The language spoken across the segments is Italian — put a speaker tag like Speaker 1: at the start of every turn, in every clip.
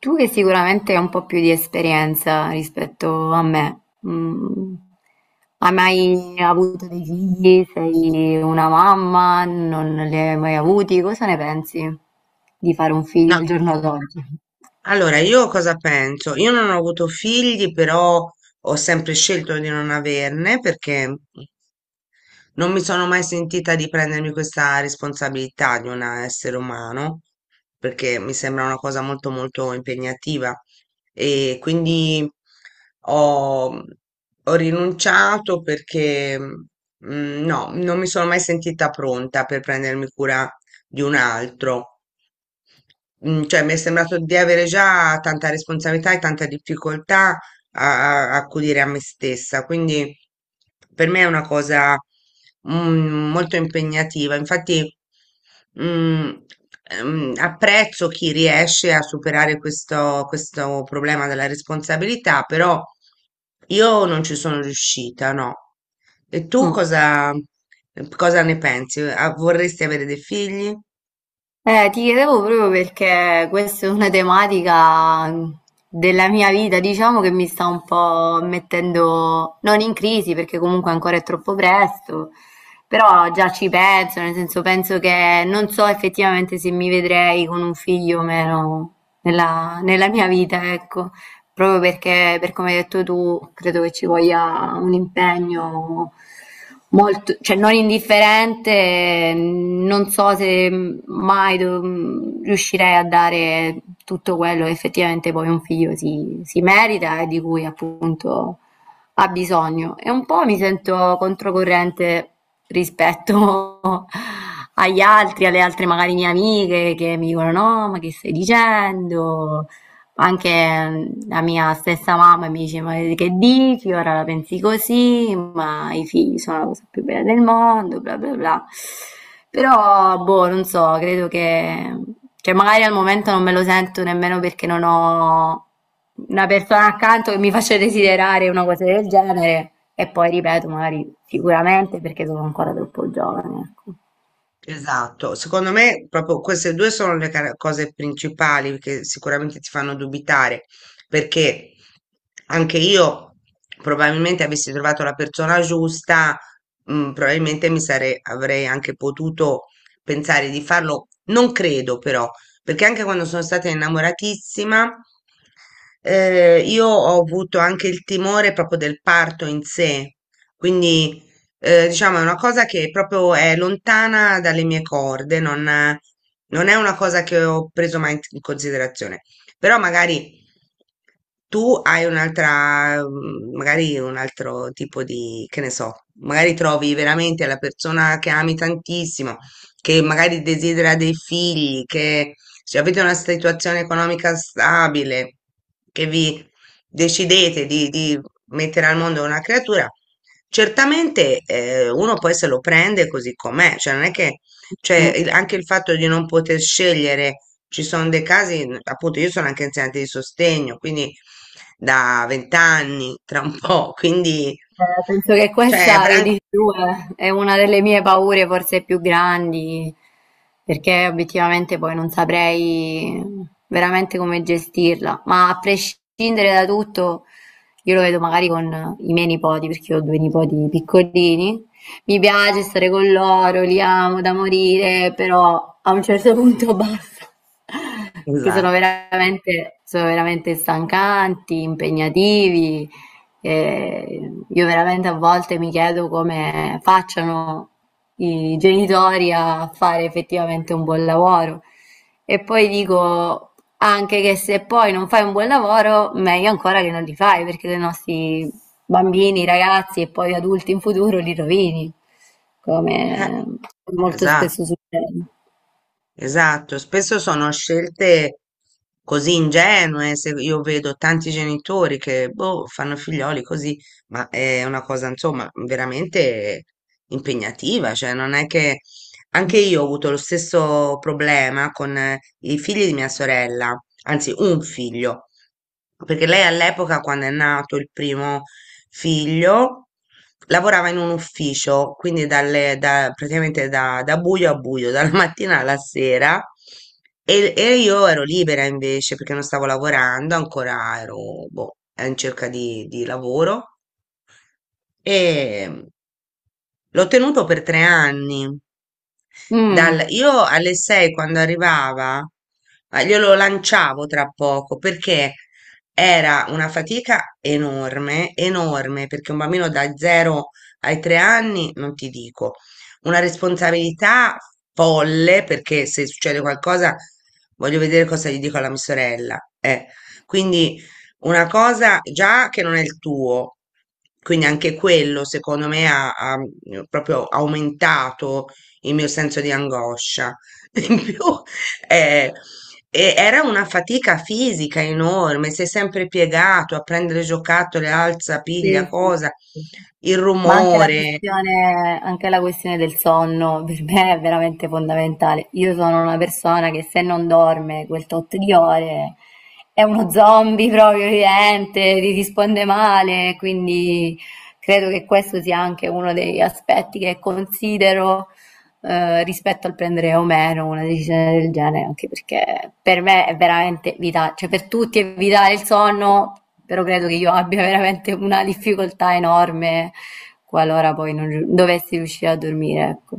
Speaker 1: Tu che sicuramente hai un po' più di esperienza rispetto a me, mm, hai mai avuto dei figli? Sei una mamma? Non li hai mai avuti? Cosa ne pensi di fare un
Speaker 2: No,
Speaker 1: figlio al giorno d'oggi?
Speaker 2: allora io cosa penso? Io non ho avuto figli, però ho sempre scelto di non averne perché non mi sono mai sentita di prendermi questa responsabilità di un essere umano, perché mi sembra una cosa molto molto impegnativa e quindi ho, ho rinunciato perché no, non mi sono mai sentita pronta per prendermi cura di un altro. Cioè, mi è sembrato di avere già tanta responsabilità e tanta difficoltà a accudire a me stessa, quindi per me è una cosa molto impegnativa. Infatti, mm, apprezzo chi riesce a superare questo problema della responsabilità, però io non ci sono riuscita, no. E tu
Speaker 1: Mm.
Speaker 2: cosa ne pensi? Ah, vorresti avere dei figli?
Speaker 1: Ti chiedevo proprio perché questa è una tematica della mia vita, diciamo che mi sta un po' mettendo non in crisi perché comunque ancora è troppo presto, però già ci penso, nel senso penso che non so effettivamente se mi vedrei con un figlio o meno nella mia vita, ecco. Proprio perché, per come hai detto tu, credo che ci voglia un impegno molto, cioè non indifferente, non so se mai riuscirei a dare tutto quello che effettivamente poi un figlio si merita e di cui appunto ha bisogno. E un po' mi sento controcorrente rispetto agli altri, alle altre magari mie amiche che mi dicono no, ma che stai dicendo? Anche la mia stessa mamma mi dice: Ma che dici? Ora la pensi così, ma i figli sono la cosa più bella del mondo, bla bla bla. Però, boh, non so, credo che, cioè, magari al momento non me lo sento nemmeno perché non ho una persona accanto che mi faccia desiderare una cosa del genere. E poi ripeto, magari sicuramente perché sono ancora troppo giovane, ecco.
Speaker 2: Esatto, secondo me proprio queste due sono le cose principali che sicuramente ti fanno dubitare, perché anche io probabilmente avessi trovato la persona giusta, probabilmente avrei anche potuto pensare di farlo, non credo però, perché anche quando sono stata innamoratissima, io ho avuto anche il timore proprio del parto in sé, quindi diciamo, è una cosa che proprio è lontana dalle mie corde, non è una cosa che ho preso mai in considerazione. Però magari tu hai un'altra, magari un altro tipo di, che ne so, magari trovi veramente la persona che ami tantissimo, che magari desidera dei figli, che se avete una situazione economica stabile, che vi decidete di mettere al mondo una creatura, certamente uno poi se lo prende così com'è, cioè non è che, cioè
Speaker 1: Mm.
Speaker 2: anche il fatto di non poter scegliere, ci sono dei casi, appunto io sono anche insegnante di sostegno, quindi da vent'anni, tra un po', quindi,
Speaker 1: Penso che
Speaker 2: cioè,
Speaker 1: questa che dici tu è una delle mie paure forse più grandi, perché obiettivamente poi non saprei veramente come gestirla, ma a prescindere da tutto, io lo vedo magari con i miei nipoti, perché ho due nipoti piccolini, mi piace stare con loro, li amo da morire, però a un certo punto basta, perché sono
Speaker 2: esatto,
Speaker 1: veramente, sono veramente stancanti, impegnativi. E io veramente a volte mi chiedo come facciano i genitori a fare effettivamente un buon lavoro. E poi dico anche che se poi non fai un buon lavoro, meglio ancora che non li fai, perché i nostri bambini, ragazzi e poi adulti in futuro li rovini,
Speaker 2: eh,
Speaker 1: come molto
Speaker 2: esatto.
Speaker 1: spesso succede.
Speaker 2: Esatto, spesso sono scelte così ingenue, se io vedo tanti genitori che boh, fanno figlioli così, ma è una cosa insomma veramente impegnativa, cioè non è che anche io ho avuto lo stesso problema con i figli di mia sorella, anzi un figlio perché lei all'epoca, quando è nato il primo figlio, lavorava in un ufficio, quindi praticamente da buio a buio, dalla mattina alla sera, e io ero libera invece perché non stavo lavorando, ancora ero boh, in cerca di lavoro e l'ho tenuto per 3 anni.
Speaker 1: Mm.
Speaker 2: Io alle 6 quando arrivava, glielo lanciavo tra poco perché? Era una fatica enorme, enorme, perché un bambino da 0 ai 3 anni, non ti dico, una responsabilità folle, perché se succede qualcosa voglio vedere cosa gli dico alla mia sorella. Eh. Quindi una cosa già che non è il tuo, quindi anche quello secondo me ha proprio aumentato il mio senso di angoscia. In più, eh, e era una fatica fisica enorme, sei sempre piegato a prendere giocattoli, alza,
Speaker 1: Sì,
Speaker 2: piglia,
Speaker 1: sì,
Speaker 2: cosa,
Speaker 1: sì.
Speaker 2: il
Speaker 1: Ma
Speaker 2: rumore.
Speaker 1: anche la questione del sonno per me è veramente fondamentale. Io sono una persona che se non dorme quel tot di ore è uno zombie proprio vivente, ti risponde male, quindi credo che questo sia anche uno degli aspetti che considero rispetto al prendere o meno una decisione del genere, anche perché per me è veramente vitale, cioè per tutti è vitale il sonno, però credo che io abbia veramente una difficoltà enorme qualora poi non dovessi riuscire a dormire, ecco.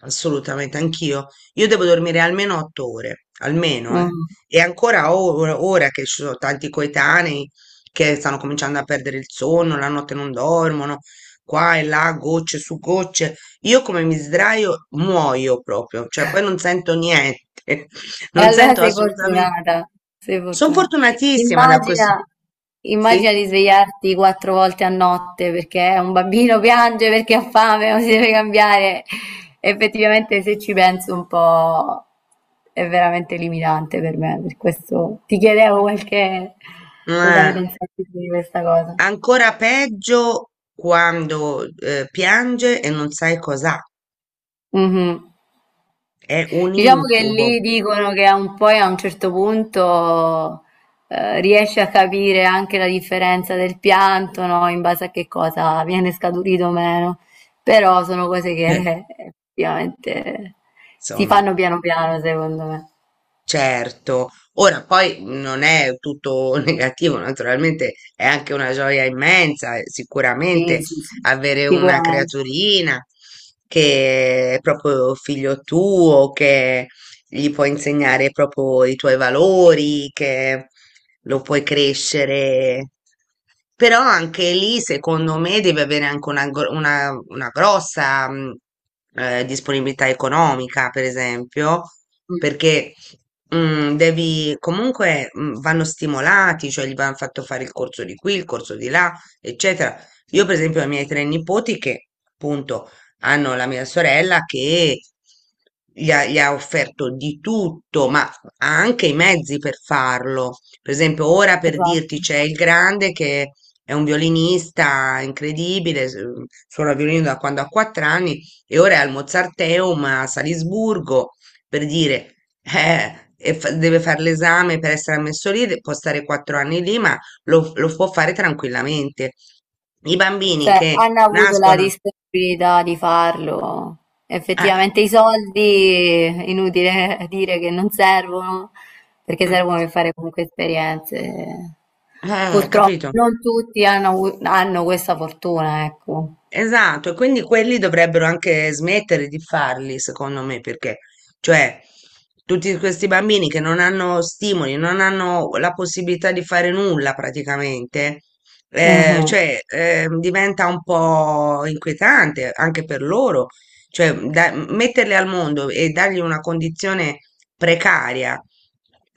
Speaker 2: Assolutamente, anch'io. Io devo dormire almeno 8 ore, almeno, eh.
Speaker 1: Mm.
Speaker 2: E ancora ora che ci sono tanti coetanei che stanno cominciando a perdere il sonno, la notte non dormono, qua e là, gocce su gocce. Io come mi sdraio muoio proprio, cioè poi non sento niente,
Speaker 1: E
Speaker 2: non
Speaker 1: allora
Speaker 2: sento
Speaker 1: sei
Speaker 2: assolutamente.
Speaker 1: fortunata, sei
Speaker 2: Sono
Speaker 1: fortuna
Speaker 2: fortunatissima da questo.
Speaker 1: Immagina immagina
Speaker 2: Sì,
Speaker 1: di svegliarti 4 volte a notte perché un bambino piange perché ha fame o si deve cambiare. Effettivamente, se ci penso un po', è veramente limitante per me. Per questo ti chiedevo qualche
Speaker 2: ma
Speaker 1: cosa ne pensavi tu di questa cosa.
Speaker 2: ancora peggio quando piange e non sai cos'ha.
Speaker 1: Mhm.
Speaker 2: È un
Speaker 1: Diciamo che
Speaker 2: incubo.
Speaker 1: lì dicono che a un poi a un certo punto riesci a capire anche la differenza del pianto, no? In base a che cosa viene scaturito o meno. Però sono cose
Speaker 2: Eh,
Speaker 1: che effettivamente si
Speaker 2: Insomma,
Speaker 1: fanno piano piano, secondo me.
Speaker 2: certo. Ora, poi non è tutto negativo, naturalmente è anche una gioia immensa,
Speaker 1: Sì,
Speaker 2: sicuramente
Speaker 1: sì, sì,
Speaker 2: avere una
Speaker 1: sicuramente.
Speaker 2: creaturina che è proprio figlio tuo, che gli puoi insegnare proprio i tuoi valori, che lo puoi crescere. Però anche lì, secondo me, devi avere anche una, una grossa disponibilità economica, per esempio,
Speaker 1: Mm,
Speaker 2: perché devi comunque vanno stimolati, cioè gli vanno fatto fare il corso di qui, il corso di là, eccetera. Io, per esempio, ho i miei 3 nipoti che appunto hanno la mia sorella che gli ha offerto di tutto, ma ha anche i mezzi per farlo. Per esempio, ora per
Speaker 1: esatto.
Speaker 2: dirti c'è il grande che è un violinista incredibile, suona il violino da quando ha 4 anni e ora è al Mozarteum a Salisburgo, per dire, e deve fare l'esame per essere ammesso lì, può stare 4 anni lì, ma lo può fare tranquillamente. I bambini
Speaker 1: Cioè,
Speaker 2: che
Speaker 1: hanno avuto la
Speaker 2: nascono.
Speaker 1: disponibilità di farlo.
Speaker 2: Eh.
Speaker 1: Effettivamente i soldi, inutile dire che non servono, perché
Speaker 2: Mm.
Speaker 1: servono per fare comunque esperienze. Purtroppo
Speaker 2: Capito?
Speaker 1: non tutti hanno, hanno questa fortuna, ecco.
Speaker 2: Esatto, e quindi quelli dovrebbero anche smettere di farli, secondo me, perché, cioè, tutti questi bambini che non hanno stimoli, non hanno la possibilità di fare nulla praticamente, cioè, diventa un po' inquietante anche per loro, cioè, metterli al mondo e dargli una condizione precaria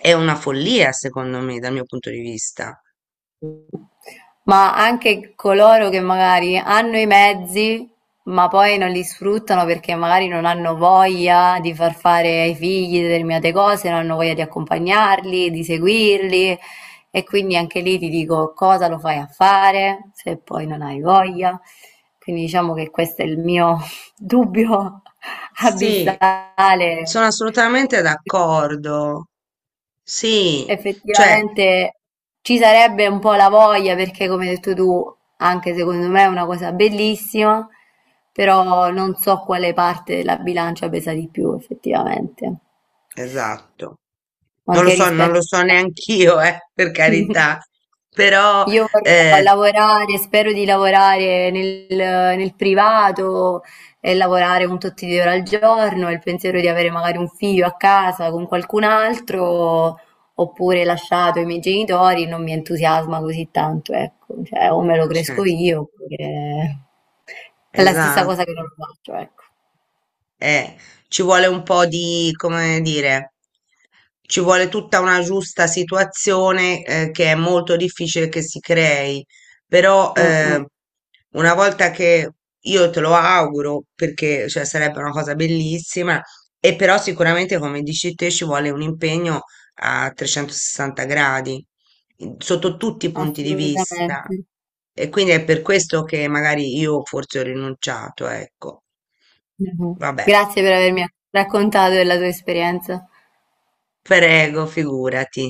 Speaker 2: è una follia, secondo me, dal mio punto di vista.
Speaker 1: Mhm. Ma anche coloro che magari hanno i mezzi, ma poi non li sfruttano perché magari non hanno voglia di far fare ai figli determinate cose, non hanno voglia di accompagnarli, di seguirli. E quindi anche lì ti dico cosa lo fai a fare se poi non hai voglia. Quindi diciamo che questo è il mio dubbio
Speaker 2: Sì,
Speaker 1: abissale.
Speaker 2: sono assolutamente d'accordo. Sì, cioè,
Speaker 1: Effettivamente ci sarebbe un po' la voglia perché, come hai detto tu, anche secondo me è una cosa bellissima, però non so quale parte della bilancia pesa di più, effettivamente,
Speaker 2: esatto. Non lo
Speaker 1: anche
Speaker 2: so, non
Speaker 1: rispetto
Speaker 2: lo so neanch'io, per carità. Però,
Speaker 1: Io vorrò
Speaker 2: eh,
Speaker 1: lavorare, spero di lavorare nel, nel privato e lavorare un tot di ore al giorno, e il pensiero di avere magari un figlio a casa con qualcun altro, oppure lasciato ai miei genitori, non mi entusiasma così tanto, ecco, cioè o me lo cresco
Speaker 2: certo,
Speaker 1: io, oppure è la stessa
Speaker 2: esatto.
Speaker 1: cosa che non lo faccio, ecco.
Speaker 2: Eh, ci vuole un po' di, come dire, ci vuole tutta una giusta situazione, che è molto difficile che si crei, però,
Speaker 1: Mm, mm,
Speaker 2: una volta che io te lo auguro, perché, cioè, sarebbe una cosa bellissima, e però sicuramente, come dici te, ci vuole un impegno a 360 gradi, sotto tutti i punti di vista.
Speaker 1: assolutamente.
Speaker 2: E quindi è per questo che magari io forse ho rinunciato, ecco.
Speaker 1: Mhm.
Speaker 2: Vabbè.
Speaker 1: Grazie per avermi raccontato della tua esperienza.
Speaker 2: Prego, figurati.